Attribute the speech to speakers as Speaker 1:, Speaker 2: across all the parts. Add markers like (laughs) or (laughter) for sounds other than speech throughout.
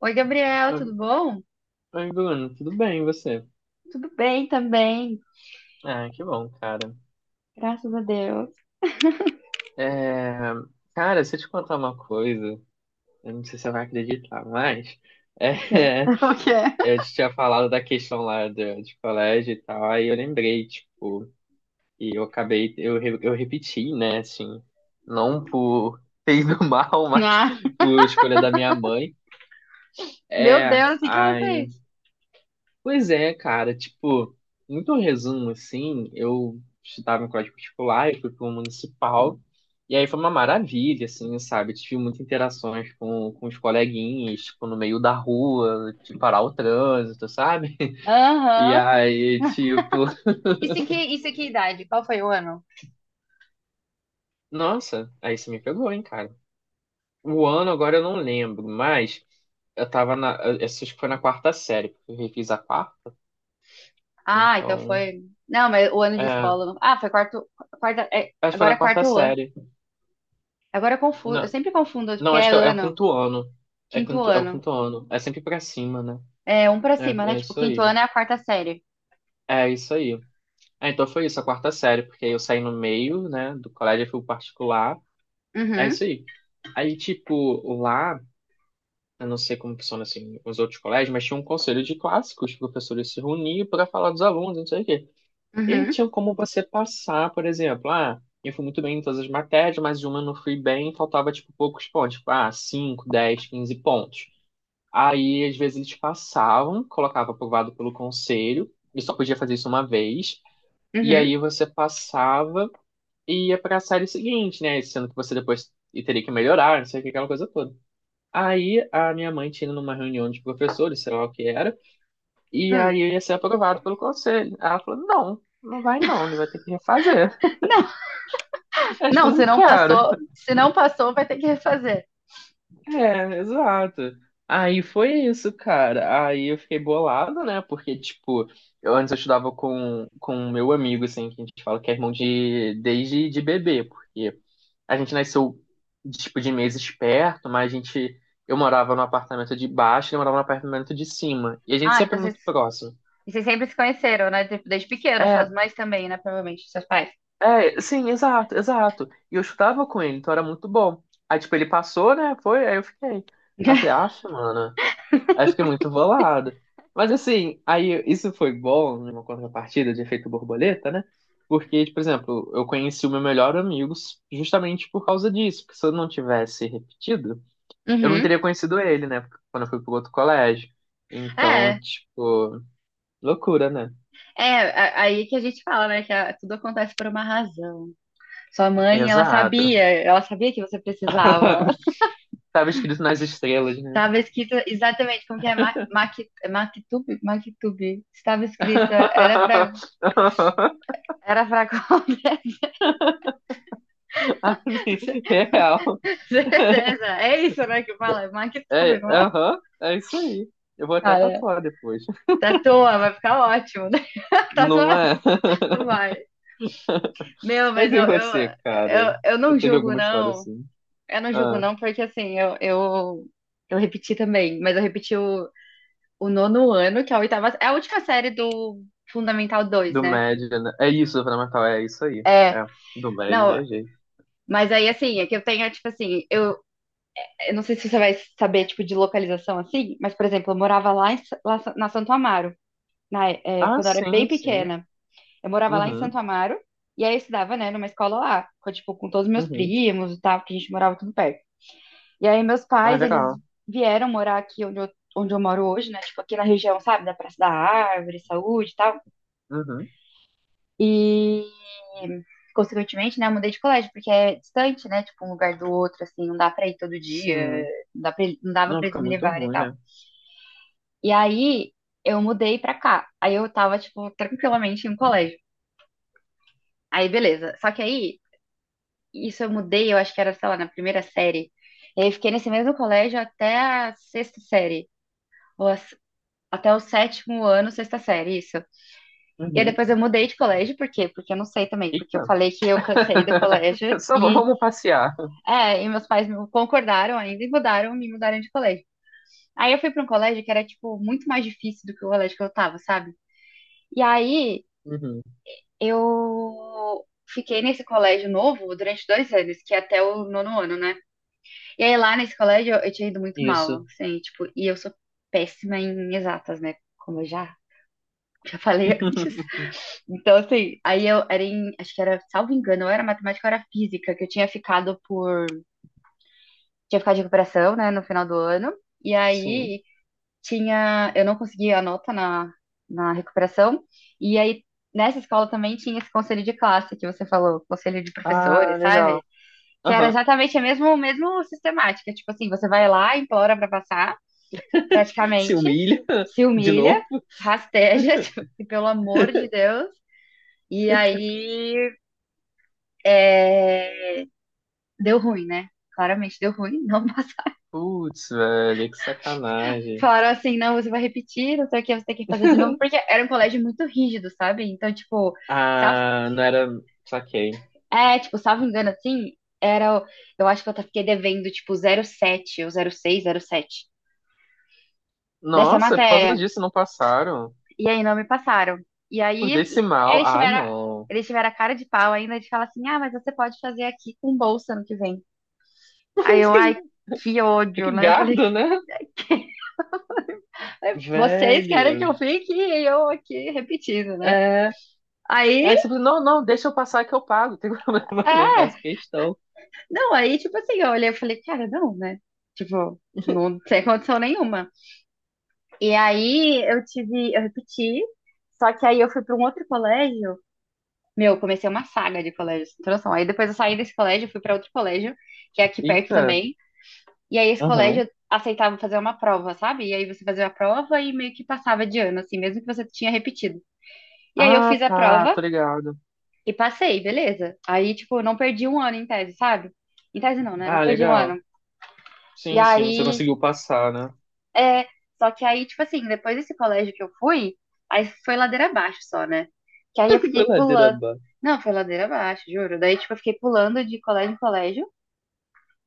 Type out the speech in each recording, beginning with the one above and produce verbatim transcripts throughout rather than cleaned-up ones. Speaker 1: Oi, Gabriel,
Speaker 2: Oi,
Speaker 1: tudo bom?
Speaker 2: oi, Bruno, tudo bem, e você?
Speaker 1: Tudo bem também,
Speaker 2: Ah, que bom, cara.
Speaker 1: graças a Deus.
Speaker 2: É, cara, se eu te contar uma coisa, eu não sei se você vai acreditar, mas
Speaker 1: O que é?
Speaker 2: é,
Speaker 1: (laughs) O que é?
Speaker 2: (laughs) eu te tinha falado da questão lá do, de colégio e tal, aí eu lembrei, tipo, e eu acabei, eu, re- eu repeti, né, assim, não por fez do (laughs) mal, mas
Speaker 1: Ah.
Speaker 2: por escolha da minha mãe.
Speaker 1: Meu
Speaker 2: É,
Speaker 1: Deus, o que que ela
Speaker 2: aí
Speaker 1: fez?
Speaker 2: pois é, cara, tipo, muito resumo assim, eu estudava em colégio particular, eu fui para um municipal, e aí foi uma maravilha, assim, sabe? Tive muitas interações com, com os coleguinhas, tipo, no meio da rua, de parar o trânsito, sabe? (laughs) E
Speaker 1: Aham.
Speaker 2: aí, tipo,
Speaker 1: Isso em que, isso em que idade? Qual foi o ano?
Speaker 2: nossa, aí você me pegou, hein, cara. O ano agora eu não lembro, mas eu tava na, eu acho que foi na quarta série, porque eu refiz a quarta,
Speaker 1: Ah, então
Speaker 2: então,
Speaker 1: foi. Não, mas o ano de
Speaker 2: é,
Speaker 1: escola. não- Ah, foi quarto. Quarta, é,
Speaker 2: acho que foi
Speaker 1: agora é
Speaker 2: na quarta
Speaker 1: quarto ano.
Speaker 2: série.
Speaker 1: Agora eu confundo. Eu sempre confundo, porque
Speaker 2: Não,
Speaker 1: é
Speaker 2: acho que é, é o
Speaker 1: ano.
Speaker 2: quinto ano. É,
Speaker 1: Quinto
Speaker 2: quinto, é o
Speaker 1: ano.
Speaker 2: quinto ano. É sempre pra cima, né?
Speaker 1: É um pra cima,
Speaker 2: É,
Speaker 1: né?
Speaker 2: é
Speaker 1: Tipo,
Speaker 2: isso
Speaker 1: quinto
Speaker 2: aí.
Speaker 1: ano é a quarta série.
Speaker 2: É isso aí. É, então foi isso, a quarta série, porque aí eu saí no meio, né, do colégio, eu fui pro particular. É
Speaker 1: Uhum,
Speaker 2: isso aí. Aí, tipo, lá, eu não sei como funciona, assim, os outros colégios, mas tinha um conselho de classe que os professores se reuniam para falar dos alunos, não sei o quê. E
Speaker 1: uhum,
Speaker 2: tinha como você passar, por exemplo, ah, eu fui muito bem em todas as matérias, mas uma eu não fui bem, faltava, tipo, poucos pontos, tipo, ah, cinco, dez, quinze pontos. Aí, às vezes, eles passavam, colocava aprovado pelo conselho, e só podia fazer isso uma vez. E
Speaker 1: uhum.
Speaker 2: aí você passava e ia pra série seguinte, né? Sendo que você depois teria que melhorar, não sei o que, aquela coisa toda. Aí a minha mãe tinha ido numa reunião de professores, sei lá o que era, e
Speaker 1: Hum.
Speaker 2: aí eu ia ser aprovado pelo conselho. Ela falou: não, não vai não, ele vai ter que refazer.
Speaker 1: Não,
Speaker 2: (laughs) Eu, tipo,
Speaker 1: não, se
Speaker 2: não
Speaker 1: não
Speaker 2: quero.
Speaker 1: passou, se não passou, vai ter que refazer.
Speaker 2: É, exato. Aí foi isso, cara. Aí eu fiquei bolado, né? Porque, tipo, eu antes eu estudava com, com um meu amigo, assim, que a gente fala que é irmão de, desde de bebê, porque a gente nasceu, tipo, de meses perto, mas a gente, eu morava no apartamento de baixo, ele morava no apartamento de cima. E a gente
Speaker 1: Ah,
Speaker 2: sempre
Speaker 1: então
Speaker 2: é
Speaker 1: você
Speaker 2: muito próximo.
Speaker 1: e vocês sempre se conheceram, né? Tipo, desde pequeno,
Speaker 2: É,
Speaker 1: suas mães também, né? Provavelmente, seus pais.
Speaker 2: é, sim, exato, exato. E eu estudava com ele, então era muito bom. Aí, tipo, ele passou, né? Foi, aí eu fiquei. Aí eu falei,
Speaker 1: (laughs)
Speaker 2: aff, mano. Aí eu fiquei muito bolado. Mas assim, aí isso foi bom numa contrapartida de efeito borboleta, né? Porque, tipo, por exemplo, eu conheci o meu melhor amigo justamente por causa disso. Porque se eu não tivesse repetido, eu não
Speaker 1: Uhum.
Speaker 2: teria conhecido ele, né? Quando eu fui pro outro colégio. Então,
Speaker 1: É,
Speaker 2: tipo, loucura, né?
Speaker 1: é, a- aí que a gente fala, né? Que a- tudo acontece por uma razão. Sua mãe, ela
Speaker 2: Exato.
Speaker 1: sabia, ela sabia que você precisava.
Speaker 2: (laughs)
Speaker 1: (laughs)
Speaker 2: Tava escrito nas estrelas, né?
Speaker 1: Estava escrito exatamente como que é Ma- Maqui- é Maktub, Maktub. Estava escrito, era pra,
Speaker 2: (laughs)
Speaker 1: era pra (laughs) qualquer.
Speaker 2: Assim, real.
Speaker 1: Certeza. É isso, né? Que fala, é
Speaker 2: É,
Speaker 1: Maktub, não é?
Speaker 2: aham, é isso aí. Eu vou até
Speaker 1: Cara,
Speaker 2: tatuar depois.
Speaker 1: tatua, vai ficar ótimo, né? (laughs)
Speaker 2: Não
Speaker 1: Tatua,
Speaker 2: é? (laughs)
Speaker 1: vai. Meu, mas
Speaker 2: Mas
Speaker 1: eu,
Speaker 2: e você,
Speaker 1: eu,
Speaker 2: cara?
Speaker 1: eu, eu não
Speaker 2: Você teve
Speaker 1: julgo,
Speaker 2: alguma história
Speaker 1: não.
Speaker 2: assim?
Speaker 1: Eu não julgo,
Speaker 2: Ah,
Speaker 1: não, porque assim, eu, eu, eu repeti também, mas eu repeti o, o nono ano, que é a oitava, é a última série do Fundamental dois,
Speaker 2: do
Speaker 1: né?
Speaker 2: médio, né? É isso, Fernando Natal, é isso aí.
Speaker 1: É,
Speaker 2: É, do médio
Speaker 1: não,
Speaker 2: viajei.
Speaker 1: mas aí assim, é que eu tenho, tipo assim, eu, eu não sei se você vai saber, tipo, de localização assim, mas, por exemplo, eu morava lá, em, Sa- lá sa- na Santo Amaro, na, é,
Speaker 2: Ah,
Speaker 1: quando eu era bem
Speaker 2: sim, sim.
Speaker 1: pequena. Eu morava lá em
Speaker 2: Uhum,
Speaker 1: Santo Amaro, e aí eu estudava, né, numa escola lá, com, tipo, com todos os meus
Speaker 2: uhum.
Speaker 1: primos e tal, que a gente morava tudo perto. E aí meus
Speaker 2: Ah,
Speaker 1: pais, eles
Speaker 2: legal.
Speaker 1: vieram morar aqui onde eu, onde eu moro hoje, né? Tipo, aqui na região, sabe? Da Praça da Árvore, Saúde e tal.
Speaker 2: Uhum,
Speaker 1: E, consequentemente, né? Eu mudei de colégio, porque é distante, né? Tipo, um lugar do outro, assim. Não dá pra ir todo dia.
Speaker 2: sim.
Speaker 1: Não dá pra, não dava
Speaker 2: Não,
Speaker 1: pra eles
Speaker 2: fica
Speaker 1: me
Speaker 2: muito
Speaker 1: levarem e
Speaker 2: ruim,
Speaker 1: tal.
Speaker 2: né?
Speaker 1: E aí, eu mudei pra cá. Aí eu tava, tipo, tranquilamente em um colégio. Aí, beleza. Só que aí, isso eu mudei, eu acho que era, sei lá, na primeira série. E aí, eu fiquei nesse mesmo colégio até a sexta série. Ou a Até o sétimo ano, sexta série, isso. E aí
Speaker 2: Uhum.
Speaker 1: depois eu mudei de colégio, por quê? Porque eu não sei também, porque eu
Speaker 2: Eita.
Speaker 1: falei que eu cansei do colégio
Speaker 2: (laughs) Só v-
Speaker 1: e,
Speaker 2: vamos passear.
Speaker 1: é, e meus pais não concordaram ainda e mudaram, me mudaram de colégio. Aí eu fui para um colégio que era, tipo, muito mais difícil do que o colégio que eu tava, sabe? E aí
Speaker 2: Uhum.
Speaker 1: eu fiquei nesse colégio novo durante dois anos, que é até o nono ano, né? E aí lá nesse colégio eu, eu tinha ido muito
Speaker 2: Isso.
Speaker 1: mal, assim, tipo, e eu sou péssima em exatas, né? Como eu já já falei (laughs) antes.
Speaker 2: (laughs)
Speaker 1: Então, assim, aí eu era em, acho que era, salvo engano, ou era matemática ou era física, que eu tinha ficado por, tinha ficado de recuperação, né, no final do ano. E
Speaker 2: Sim.
Speaker 1: aí tinha, eu não conseguia a nota na, na recuperação. E aí nessa escola também tinha esse conselho de classe que você falou, conselho de
Speaker 2: Ah,
Speaker 1: professores,
Speaker 2: legal.
Speaker 1: sabe? Que era
Speaker 2: Aham.
Speaker 1: exatamente a mesma, mesmo sistemática, tipo assim, você vai lá, implora pra passar,
Speaker 2: Se
Speaker 1: praticamente,
Speaker 2: humilha (laughs)
Speaker 1: se
Speaker 2: de
Speaker 1: humilha,
Speaker 2: novo.
Speaker 1: rasteja, (laughs) tipo, e pelo amor de Deus. E aí é, deu ruim, né? Claramente deu ruim, (laughs) não passaram.
Speaker 2: Putz, velho, que sacanagem.
Speaker 1: Falaram assim, não, você vai repetir, não sei o que, você tem que fazer de
Speaker 2: (laughs)
Speaker 1: novo, porque era um colégio muito rígido, sabe? Então, tipo, salvo,
Speaker 2: Ah, não era. Saquei.
Speaker 1: é, tipo, salvo engano, assim, era, o- eu acho que eu até fiquei devendo, tipo, zero sete ou zero seis, sete dessa
Speaker 2: Nossa, por causa
Speaker 1: matéria.
Speaker 2: disso não passaram.
Speaker 1: E aí não me passaram. E
Speaker 2: Por
Speaker 1: aí
Speaker 2: decimal.
Speaker 1: eles
Speaker 2: Ah,
Speaker 1: tiveram,
Speaker 2: não.
Speaker 1: eles tiveram a cara de pau ainda de falar assim, ah, mas você pode fazer aqui com bolsa no que vem. Aí eu, ai, que
Speaker 2: (laughs)
Speaker 1: ódio,
Speaker 2: Que
Speaker 1: né? Eu falei,
Speaker 2: gado, né?
Speaker 1: vocês querem que
Speaker 2: Velho.
Speaker 1: eu fique e eu aqui repetindo, né?
Speaker 2: É.
Speaker 1: Aí,
Speaker 2: Aí você fala, não, não, deixa eu passar que eu pago. Tem problema, (laughs) não
Speaker 1: é.
Speaker 2: faço questão.
Speaker 1: Não, aí, tipo assim, eu olhei e falei, cara, não, né? Tipo, não sem condição nenhuma. E aí eu tive, eu repeti, só que aí eu fui para um outro colégio. Meu, eu comecei uma saga de colégios, sem noção. Aí depois eu saí desse colégio, fui para outro colégio, que é aqui perto
Speaker 2: Eita.
Speaker 1: também. E aí esse
Speaker 2: Aham.
Speaker 1: colégio aceitava fazer uma prova, sabe? E aí você fazia a prova e meio que passava de ano, assim, mesmo que você tinha repetido. E aí eu
Speaker 2: Ah,
Speaker 1: fiz a
Speaker 2: tá,
Speaker 1: prova
Speaker 2: tô ligado.
Speaker 1: e passei, beleza. Aí, tipo, eu não perdi um ano em tese, sabe? Em tese não, né? Não
Speaker 2: Ah,
Speaker 1: perdi um
Speaker 2: legal.
Speaker 1: ano. E
Speaker 2: Sim, sim, você
Speaker 1: aí,
Speaker 2: conseguiu passar, né?
Speaker 1: é. Só que aí, tipo assim, depois desse colégio que eu fui, aí foi ladeira abaixo só, né? Que aí eu fiquei
Speaker 2: (laughs) Ladeira
Speaker 1: pulando.
Speaker 2: abaixo.
Speaker 1: Não, foi ladeira abaixo, juro. Daí, tipo, eu fiquei pulando de colégio em colégio.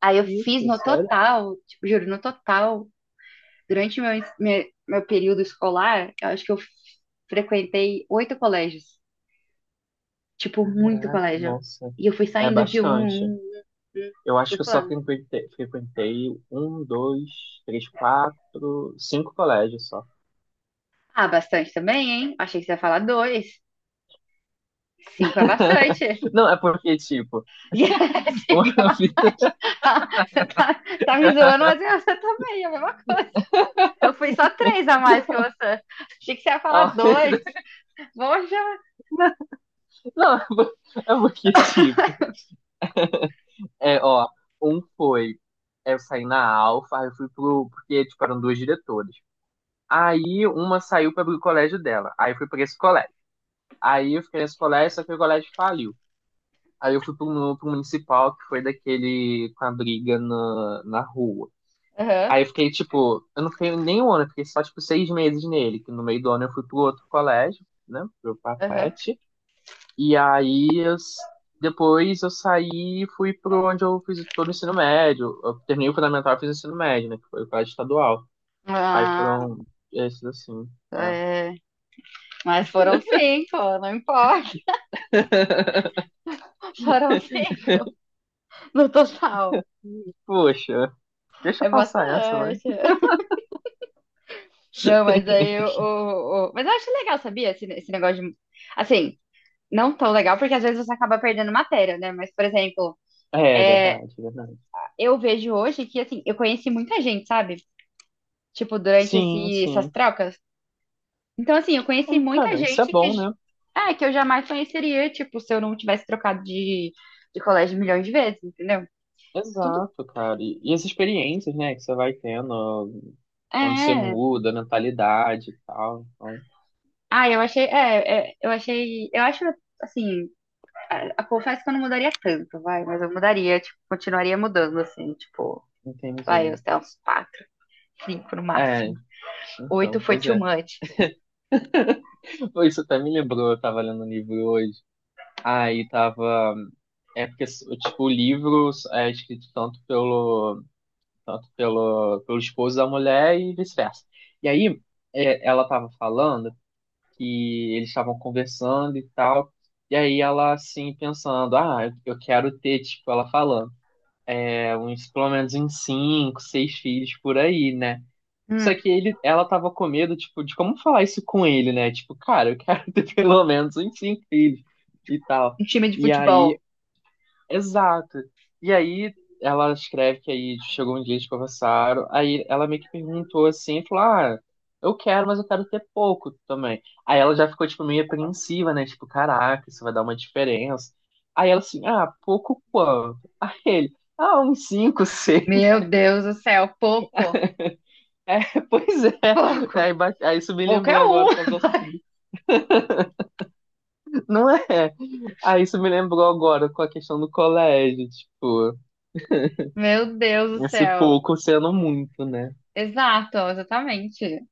Speaker 1: Aí eu fiz
Speaker 2: Isso,
Speaker 1: no
Speaker 2: sério?
Speaker 1: total, tipo, juro, no total, durante meu, ens- meu, meu período escolar, eu acho que eu frequentei oito colégios. Tipo, muito colégio.
Speaker 2: Nossa.
Speaker 1: E eu fui
Speaker 2: É
Speaker 1: saindo de um,
Speaker 2: bastante.
Speaker 1: um, um, um,
Speaker 2: Eu acho
Speaker 1: fui
Speaker 2: que eu só
Speaker 1: pulando.
Speaker 2: frequentei, frequentei um, dois, três, quatro, cinco colégios só.
Speaker 1: Ah, bastante também, hein? Achei que você ia falar dois. Cinco é
Speaker 2: (laughs)
Speaker 1: bastante. (laughs)
Speaker 2: Não, é porque, tipo,
Speaker 1: Yes, cinco é
Speaker 2: uma (laughs) vida.
Speaker 1: bastante. Tá, você tá, tá me zoando, mas é você também, é a mesma coisa. Eu fui só três a mais que você. Achei que você ia falar
Speaker 2: Ó,
Speaker 1: dois.
Speaker 2: (laughs)
Speaker 1: Poxa.
Speaker 2: não, é por- é porque, tipo, é, ó, um foi. É, eu saí na Alfa, aí eu fui pro. Porque, tipo, eram duas diretoras. Aí uma saiu para o colégio dela. Aí eu fui pra esse colégio. Aí eu fiquei nesse colégio, só que o colégio faliu. Aí eu fui pro, mu- pro municipal, que foi daquele com a briga na, na rua.
Speaker 1: Aham,
Speaker 2: Aí eu fiquei, tipo, eu não fiquei nem um ano, eu fiquei só, tipo, seis meses nele, que no meio do ano eu fui pro outro colégio, né, pro
Speaker 1: aham.
Speaker 2: Papete, e aí eu s- depois eu saí e fui pro onde eu fiz todo o ensino médio, eu terminei o fundamental e fiz o ensino médio, né, que foi o colégio estadual. Aí
Speaker 1: Ah,
Speaker 2: foram esses assim, é.
Speaker 1: é. Mas foram cinco, não importa.
Speaker 2: (laughs)
Speaker 1: (laughs) Foram cinco no total.
Speaker 2: Poxa, deixa eu
Speaker 1: É
Speaker 2: passar essa, vai.
Speaker 1: bastante. Não, mas
Speaker 2: (laughs)
Speaker 1: aí o. o- o- mas eu acho legal, sabia? Esse, esse negócio de. Assim. Não tão legal, porque às vezes você acaba perdendo matéria, né? Mas, por exemplo,
Speaker 2: É,
Speaker 1: é,
Speaker 2: verdade, verdade.
Speaker 1: eu vejo hoje que, assim, eu conheci muita gente, sabe? Tipo, durante
Speaker 2: Sim,
Speaker 1: esse- essas
Speaker 2: sim.
Speaker 1: trocas. Então, assim, eu conheci
Speaker 2: Aí,
Speaker 1: muita
Speaker 2: cara, isso é
Speaker 1: gente que,
Speaker 2: bom, né?
Speaker 1: é, que eu jamais conheceria, tipo, se eu não tivesse trocado de, de colégio milhões de vezes, entendeu? Tudo.
Speaker 2: Exato, cara. E, e as experiências, né, que você vai tendo ó,
Speaker 1: É.
Speaker 2: quando você
Speaker 1: é.
Speaker 2: muda, a mentalidade e tal. Então,
Speaker 1: Ah, eu achei. É, é, eu achei. Eu acho, assim, eu confesso que eu não mudaria tanto, vai, mas eu mudaria, tipo, continuaria mudando, assim, tipo, vai, eu
Speaker 2: entendi.
Speaker 1: até uns quatro, cinco no
Speaker 2: É,
Speaker 1: máximo. Oito
Speaker 2: então,
Speaker 1: foi
Speaker 2: pois
Speaker 1: too
Speaker 2: é.
Speaker 1: much.
Speaker 2: Pô, isso até me lembrou, eu tava lendo um livro hoje. Aí tava. É porque, tipo, o livro é escrito tanto pelo, tanto pelo, pelo esposo da mulher e vice-versa. E aí, é, ela tava falando que eles estavam conversando e tal. E aí ela, assim, pensando, ah, eu eu quero ter, tipo, ela falando uns, pelo menos uns cinco, seis filhos por aí, né? Só
Speaker 1: Hum.
Speaker 2: que ele, ela tava com medo, tipo, de como falar isso com ele, né? Tipo, cara, eu quero (laughs) ter pelo menos uns cinco filhos e tal.
Speaker 1: Um time de
Speaker 2: E
Speaker 1: futebol.
Speaker 2: aí, exato. E aí ela escreve que aí chegou um dia, eles conversaram, aí ela meio que perguntou assim, falou, ah, eu quero, mas eu quero ter pouco também. Aí ela já ficou, tipo, meio apreensiva, né? Tipo, caraca, isso vai dar uma diferença. Aí ela assim, ah, pouco quanto? (laughs) Aí ele, ah, uns cinco, (laughs) seis.
Speaker 1: Meu Deus do céu, pouco,
Speaker 2: É, (laughs) pois é. É,
Speaker 1: pouco,
Speaker 2: aí, ba- aí isso me
Speaker 1: pouco é
Speaker 2: lembrou
Speaker 1: um.
Speaker 2: agora com as assunto do... Não é? Aí isso me lembrou agora com a questão do colégio, tipo, (laughs)
Speaker 1: Meu Deus do
Speaker 2: esse
Speaker 1: céu.
Speaker 2: pouco sendo muito, né?
Speaker 1: Exato, exatamente.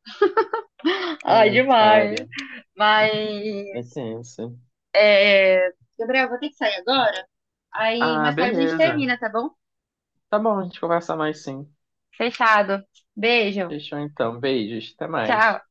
Speaker 1: Ai,
Speaker 2: Ai,
Speaker 1: demais.
Speaker 2: cara,
Speaker 1: Mas,
Speaker 2: é tenso.
Speaker 1: é... Gabriel, vou ter que sair agora. Aí
Speaker 2: Ah,
Speaker 1: mais tarde a gente
Speaker 2: beleza.
Speaker 1: termina, tá bom?
Speaker 2: Tá bom, a gente conversa mais sim.
Speaker 1: Fechado. Beijo.
Speaker 2: Fechou então. Beijos, até
Speaker 1: Tchau.
Speaker 2: mais.